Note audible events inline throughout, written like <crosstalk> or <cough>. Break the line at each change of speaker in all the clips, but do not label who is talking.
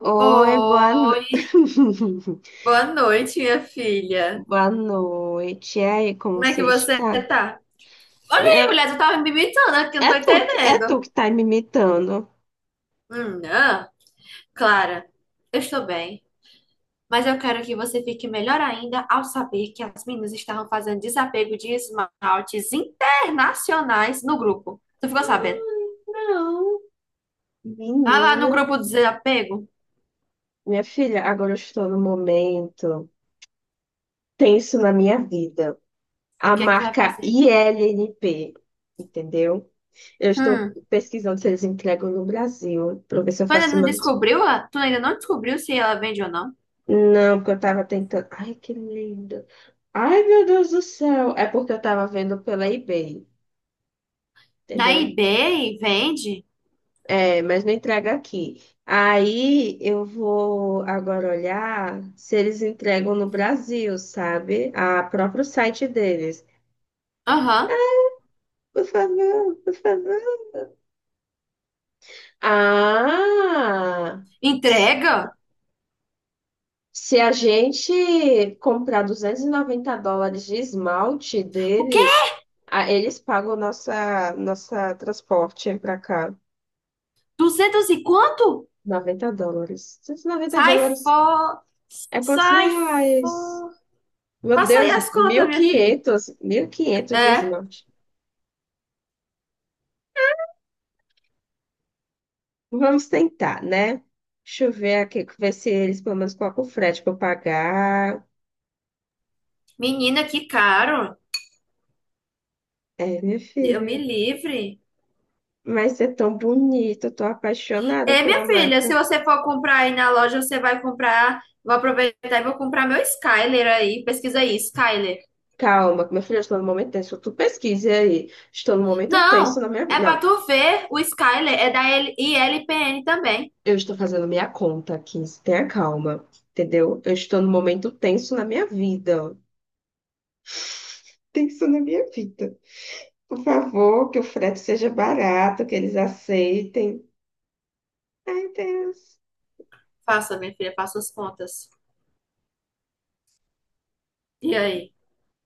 Oi, boa, no-
Oi,
<laughs>
boa noite, minha filha.
boa noite. E aí, como
Como é que
você
você
está?
tá? Olha aí,
É,
mulher, tu tava me imitando aqui, não
é
tô
tu, que- é tu
entendendo.
que tá me imitando.
Ah. Clara, eu estou bem, mas eu quero que você fique melhor ainda ao saber que as meninas estavam fazendo desapego de esmaltes internacionais no grupo. Tu ficou sabendo?
Ai, não.
Vai lá no
Menina,
grupo do desapego,
minha filha, agora eu estou no momento tenso na minha vida.
o
A
que é que tu vai
marca
fazer?
ILNP, entendeu? Eu estou
Hum,
pesquisando se eles entregam no Brasil, para ver se eu
Tu ainda
faço
não
mais.
descobriu? Ah? Tu ainda não descobriu se ela vende ou não?
Não, porque eu tava tentando. Ai, que lindo. Ai, meu Deus do céu. É porque eu tava vendo pela eBay,
Na
entendeu?
eBay, vende?
É, mas não entrega aqui. Aí eu vou agora olhar se eles entregam no Brasil, sabe? A próprio site deles.
Aham.
Por favor, por favor. Ah! s-
Entrega?
Se a gente comprar US$ 290 de esmalte
O quê?
deles, ah, eles pagam nossa transporte para cá.
Duzentos e quanto?
US$ 90. noventa
Sai
dólares
fora.
é quantos
Sai
reais?
fora.
Meu
Faça aí
Deus,
as contas, minha filha.
1.500. 1.500 de
É,
esmalte. Vamos tentar, né? Deixa eu ver aqui, ver se eles pelo menos colocam o frete para eu pagar.
menina, que caro.
É, minha
Eu me
filha.
livre.
Mas é tão bonito, eu tô apaixonada
É, minha
pela
filha, se
marca.
você for comprar aí na loja, você vai comprar. Vou aproveitar e vou comprar meu Skyler aí. Pesquisa aí, Skyler.
Calma, minha filha, eu estou no momento tenso. Tu pesquise aí. Estou no momento tenso
Não,
na minha
é
vida.
pra
Não,
tu ver. O Skyler é da ILPN também.
eu estou fazendo minha conta aqui. Tenha calma, entendeu? Eu estou no momento tenso na minha vida. Tem isso na minha vida. Por favor, que o frete seja barato, que eles aceitem. Ai, Deus.
Faça, minha filha, faça as contas. E aí?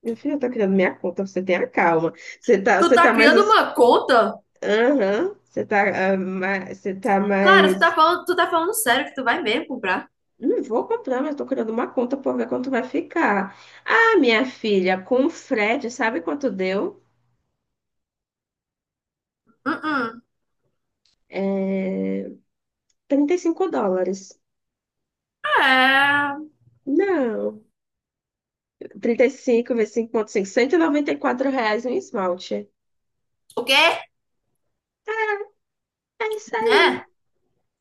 Meu filho tá criando minha conta, você tenha calma. Você tá,
Tu
você
tá
tá mais.
criando uma conta?
Aham, você tá
Claro, tu tá
mais.
falando, tu tá falando sério que tu vai mesmo comprar?
Não vou comprar, mas tô criando uma conta pra ver quanto vai ficar. Ah, minha filha, com o frete, sabe quanto deu?
Hum, hum.
US$ 35.
É.
Não, 35 vezes 5,5. R$ 194 um esmalte.
O quê?
É isso aí.
Né?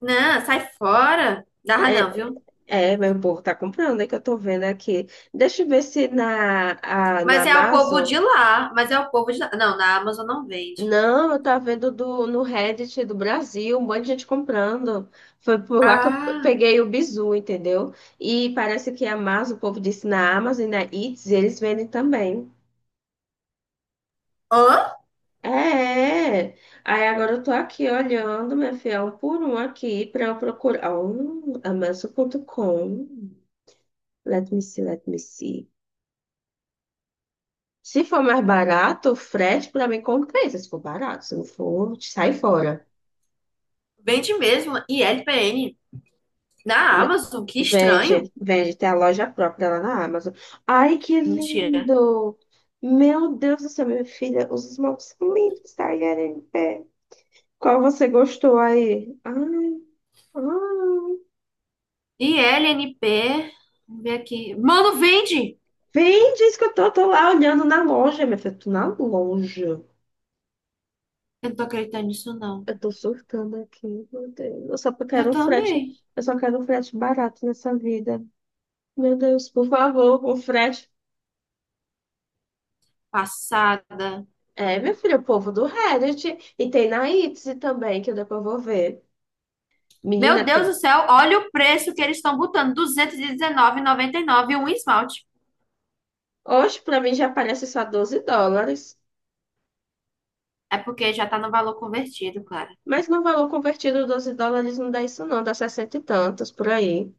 Não, sai fora. Dá não,
É,
viu?
É, mas o povo tá comprando, é que eu tô vendo aqui. Deixa eu ver se na
Mas é o povo
Amazon.
de lá. Mas é o povo de lá. Não, na Amazon não vende.
Não, eu tava vendo do, no Reddit do Brasil, um monte de gente comprando. Foi por lá que eu
Ah.
peguei o bizu, entendeu? E parece que a Amazon, o povo disse na Amazon e na Eats, eles vendem também.
Hã?
É, é. Aí agora eu tô aqui olhando, minha filha, um por um aqui pra eu procurar. Oh, Amazon.com. Let me see, let me see. Se for mais barato, o frete pra mim compensa. Se for barato, se não for, sai fora.
Vende mesmo. ILPN. Na
N-
Amazon? Que estranho.
Vende, vende, tem a loja própria lá na Amazon. Ai, que
Mentira.
lindo! Meu Deus do céu, minha filha, os esmaltes são lindos, tá, em pé. Qual você gostou aí? Ai, ai.
I L N P. Vamos ver aqui. Mano, vende!
Vem, diz que eu tô lá olhando na loja, minha filha, tô na loja.
Eu não tô acreditando nisso, não.
Eu tô surtando aqui, meu Deus. Eu só
Eu
quero um frete,
também.
eu só quero um frete barato nessa vida. Meu Deus, por favor, o Fred.
Passada.
É, minha filha, o povo do Reddit. E tem na Etsy também, que eu depois vou ver.
Meu
Menina,
Deus
tem.
do céu, olha o preço que eles estão botando, 219,99 um esmalte.
Hoje, pra mim, já parece só US$ 12.
É porque já tá no valor convertido, claro.
Mas no valor convertido, US$ 12 não dá isso, não. Dá sessenta e tantos por aí.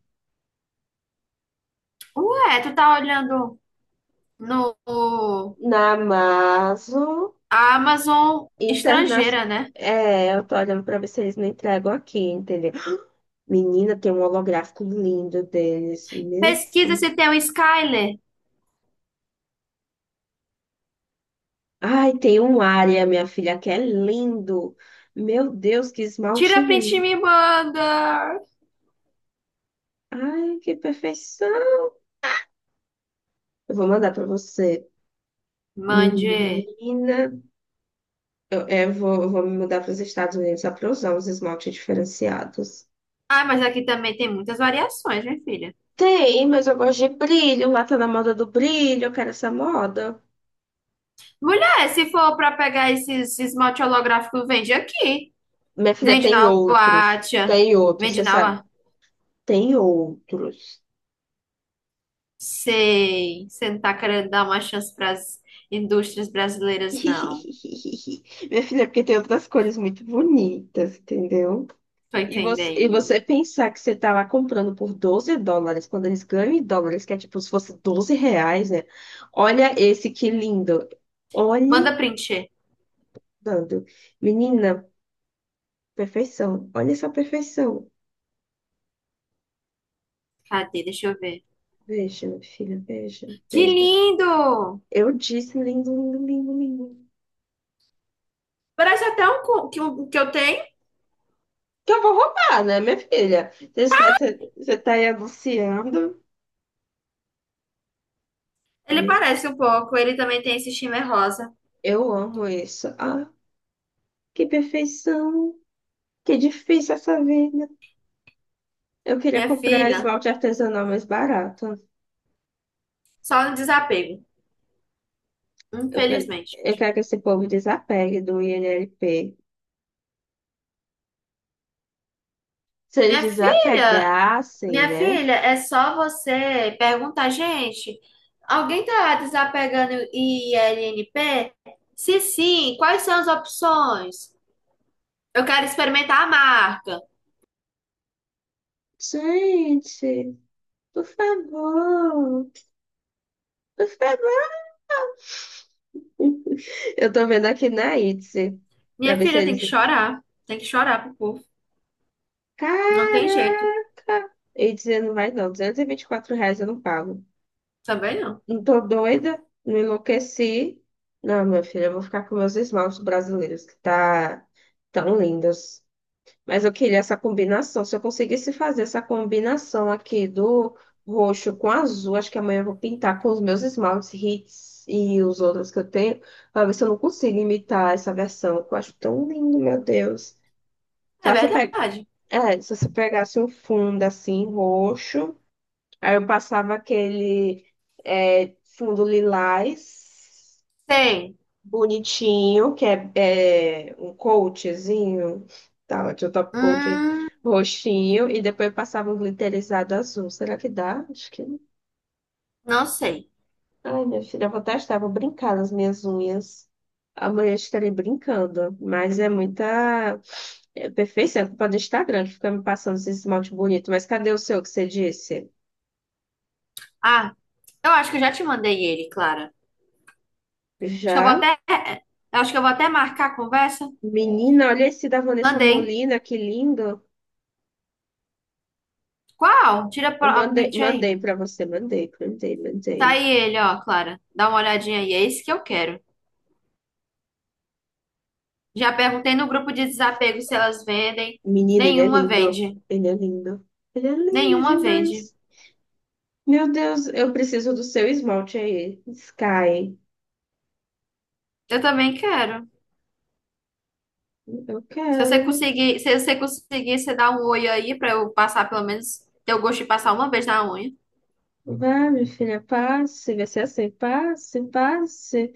Ué, tu tá olhando no
Na Amazon
a Amazon estrangeira,
internacional.
né?
É, eu tô olhando pra ver se eles não entregam aqui, entendeu? Menina, tem um holográfico lindo deles. Meu
Pesquisa
Deus.
se tem um Skyler.
Ai, tem um área, minha filha, que é lindo. Meu Deus, que
Tira
esmalte
print e
lindo.
me manda.
Ai, que perfeição. Eu vou mandar para você.
Mande.
Menina, eu vou me mudar para os Estados Unidos só para usar os esmaltes diferenciados.
Ah, mas aqui também tem muitas variações, minha filha.
Tem, mas eu gosto de brilho. Lá tá na moda do brilho. Eu quero essa moda.
Mulher, se for pra pegar esse esmalte holográfico, vende aqui.
Minha filha,
Vende
tem
na
outros.
Watcha.
Tem outros,
Vende
você
na
sabe. Tem outros.
Sei, você não tá querendo dar uma chance para as indústrias
<laughs>
brasileiras, não.
Minha filha, porque tem outras cores muito bonitas, entendeu?
Tô
E
entendendo.
você pensar que você tá lá comprando por US$ 12, quando eles ganham em dólares, que é tipo se fosse R$ 12, né? Olha esse que lindo. Olhe,
Manda print.
dando. Menina, perfeição. Olha essa perfeição.
Cadê? Deixa eu ver.
Veja, minha filha, veja,
Que
veja.
lindo!
Eu disse lindo, lindo, lindo, lindo.
Parece até um que eu tenho.
Que eu vou roubar, né, minha filha? Você está, você tá aí anunciando.
Ele parece um pouco. Ele também tem esse shimmer rosa.
Eu amo isso. Ah, que perfeição. Que difícil essa vida. Eu queria
Minha
comprar
filha,
esmalte artesanal mais barato.
só no desapego, infelizmente.
Eu quero que esse povo desapegue do INLP. Se eles
Minha filha,
desapegassem,
minha
né?
filha, é só você perguntar, gente, alguém tá desapegando ILNP? Se sim, quais são as opções? Eu quero experimentar a marca.
Gente, por favor, por favor. Eu tô vendo aqui na Etsy, pra
Minha
ver se
filha tem
eles...
que chorar. Tem que chorar pro povo. Não tem jeito.
Caraca! Etsy não vai não, duzentos e vinte e quatro reais eu não pago.
Também não.
Não tô doida, não enlouqueci. Não, minha filha, eu vou ficar com meus esmaltes brasileiros, que tá tão lindos. Mas eu queria essa combinação. Se eu conseguisse fazer essa combinação aqui do roxo com azul, acho que amanhã eu vou pintar com os meus esmaltes Hits e os outros que eu tenho, para ver se eu não consigo imitar essa versão, que eu acho tão lindo, meu Deus.
É
Só se eu pe-
verdade.
é, Se você pegasse um fundo assim, roxo, aí eu passava aquele fundo lilás
Tem.
bonitinho, que é, é um coachzinho, tá, de um top coat
Hum,
roxinho, e depois passava um glitterizado azul. Será que dá? Acho que não.
não sei.
Ai, minha filha, eu vou testar, vou brincar nas minhas unhas. Amanhã estarei brincando, mas é muita perfeição, é culpa do Instagram que fica me passando esse esmalte bonito. Mas cadê o seu que você disse?
Ah, eu acho que eu já te mandei ele, Clara. Acho que eu vou
Já?
até. É, Eu acho que eu vou até marcar a conversa.
Menina, olha esse da Vanessa
Mandei.
Molina, que lindo.
Qual? Tira
Eu
a
mandei,
print aí.
mandei para você, mandei, mandei,
Tá
mandei.
aí ele, ó, Clara. Dá uma olhadinha aí. É esse que eu quero. Já perguntei no grupo de desapego se elas vendem.
Menino, ele é
Nenhuma
lindo.
vende.
Ele é lindo. Ele é lindo
Nenhuma vende.
demais. Meu Deus, eu preciso do seu esmalte aí. Sky.
Eu também quero.
Eu
Se você
quero.
conseguir, se você conseguir, você dá um oi aí pra eu passar pelo menos, ter o gosto de passar uma vez na unha.
Vai, minha filha, passe. Vai ser assim. Passe, passe.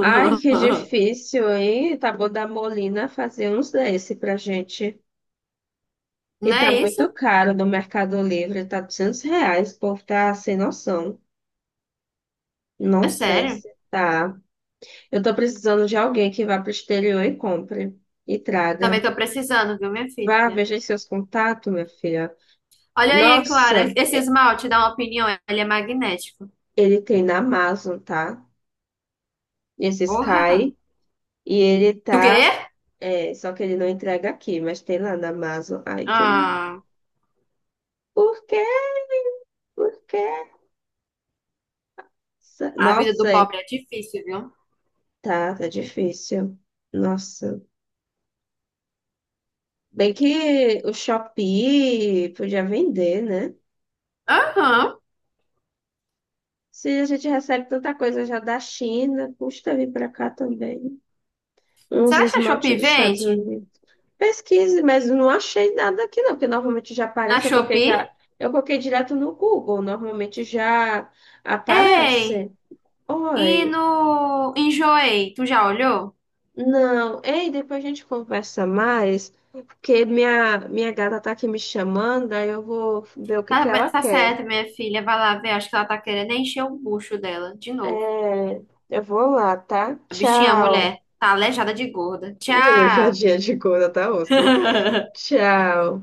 Ai, que difícil, hein? Tá bom da Molina fazer uns desse pra gente.
Não
E tá
é isso?
muito caro no Mercado Livre. Tá R$ 200. O povo tá sem noção.
É
Não sei
sério?
se tá. Eu tô precisando de alguém que vá pro exterior e compre. E traga.
Também tô precisando, viu, minha
Vá,
filha?
veja aí seus contatos, minha filha.
Olha aí, Clara,
Nossa,
esse
é-
esmalte, dá uma opinião, ele é magnético.
ele tem na Amazon, tá? Esse
Porra!
Sky. E ele
Do
tá.
quê?
Só que ele não entrega aqui, mas tem lá na Amazon. Ai, que lindo.
Ah,
Por quê? Por quê?
a vida do
Nossa, é,
pobre é difícil, viu.
tá difícil. Nossa. Bem que o Shopee podia vender, né?
Aham.
Se a gente recebe tanta coisa já da China, custa vir pra cá também. Uns
Será que a
esmalte
Shopee
dos Estados
vende?
Unidos. Pesquise, mas não achei nada aqui não, porque normalmente já
Na
aparece, eu coloquei já,
Shopee?
eu coloquei direto no Google, normalmente já
Ei!
aparece.
E
Oi,
no Enjoei, tu já olhou?
não, ei, depois a gente conversa mais, porque minha gata tá aqui me chamando, aí eu vou ver o que
Tá,
que ela
tá
quer.
certo, minha filha. Vai lá ver. Acho que ela tá querendo encher o bucho dela de novo.
É, eu vou lá, tá?
A bichinha, a
Tchau.
mulher, tá aleijada de gorda. Tchau!
Olha, já dia de coisa, tá, osso?
<laughs>
Tchau.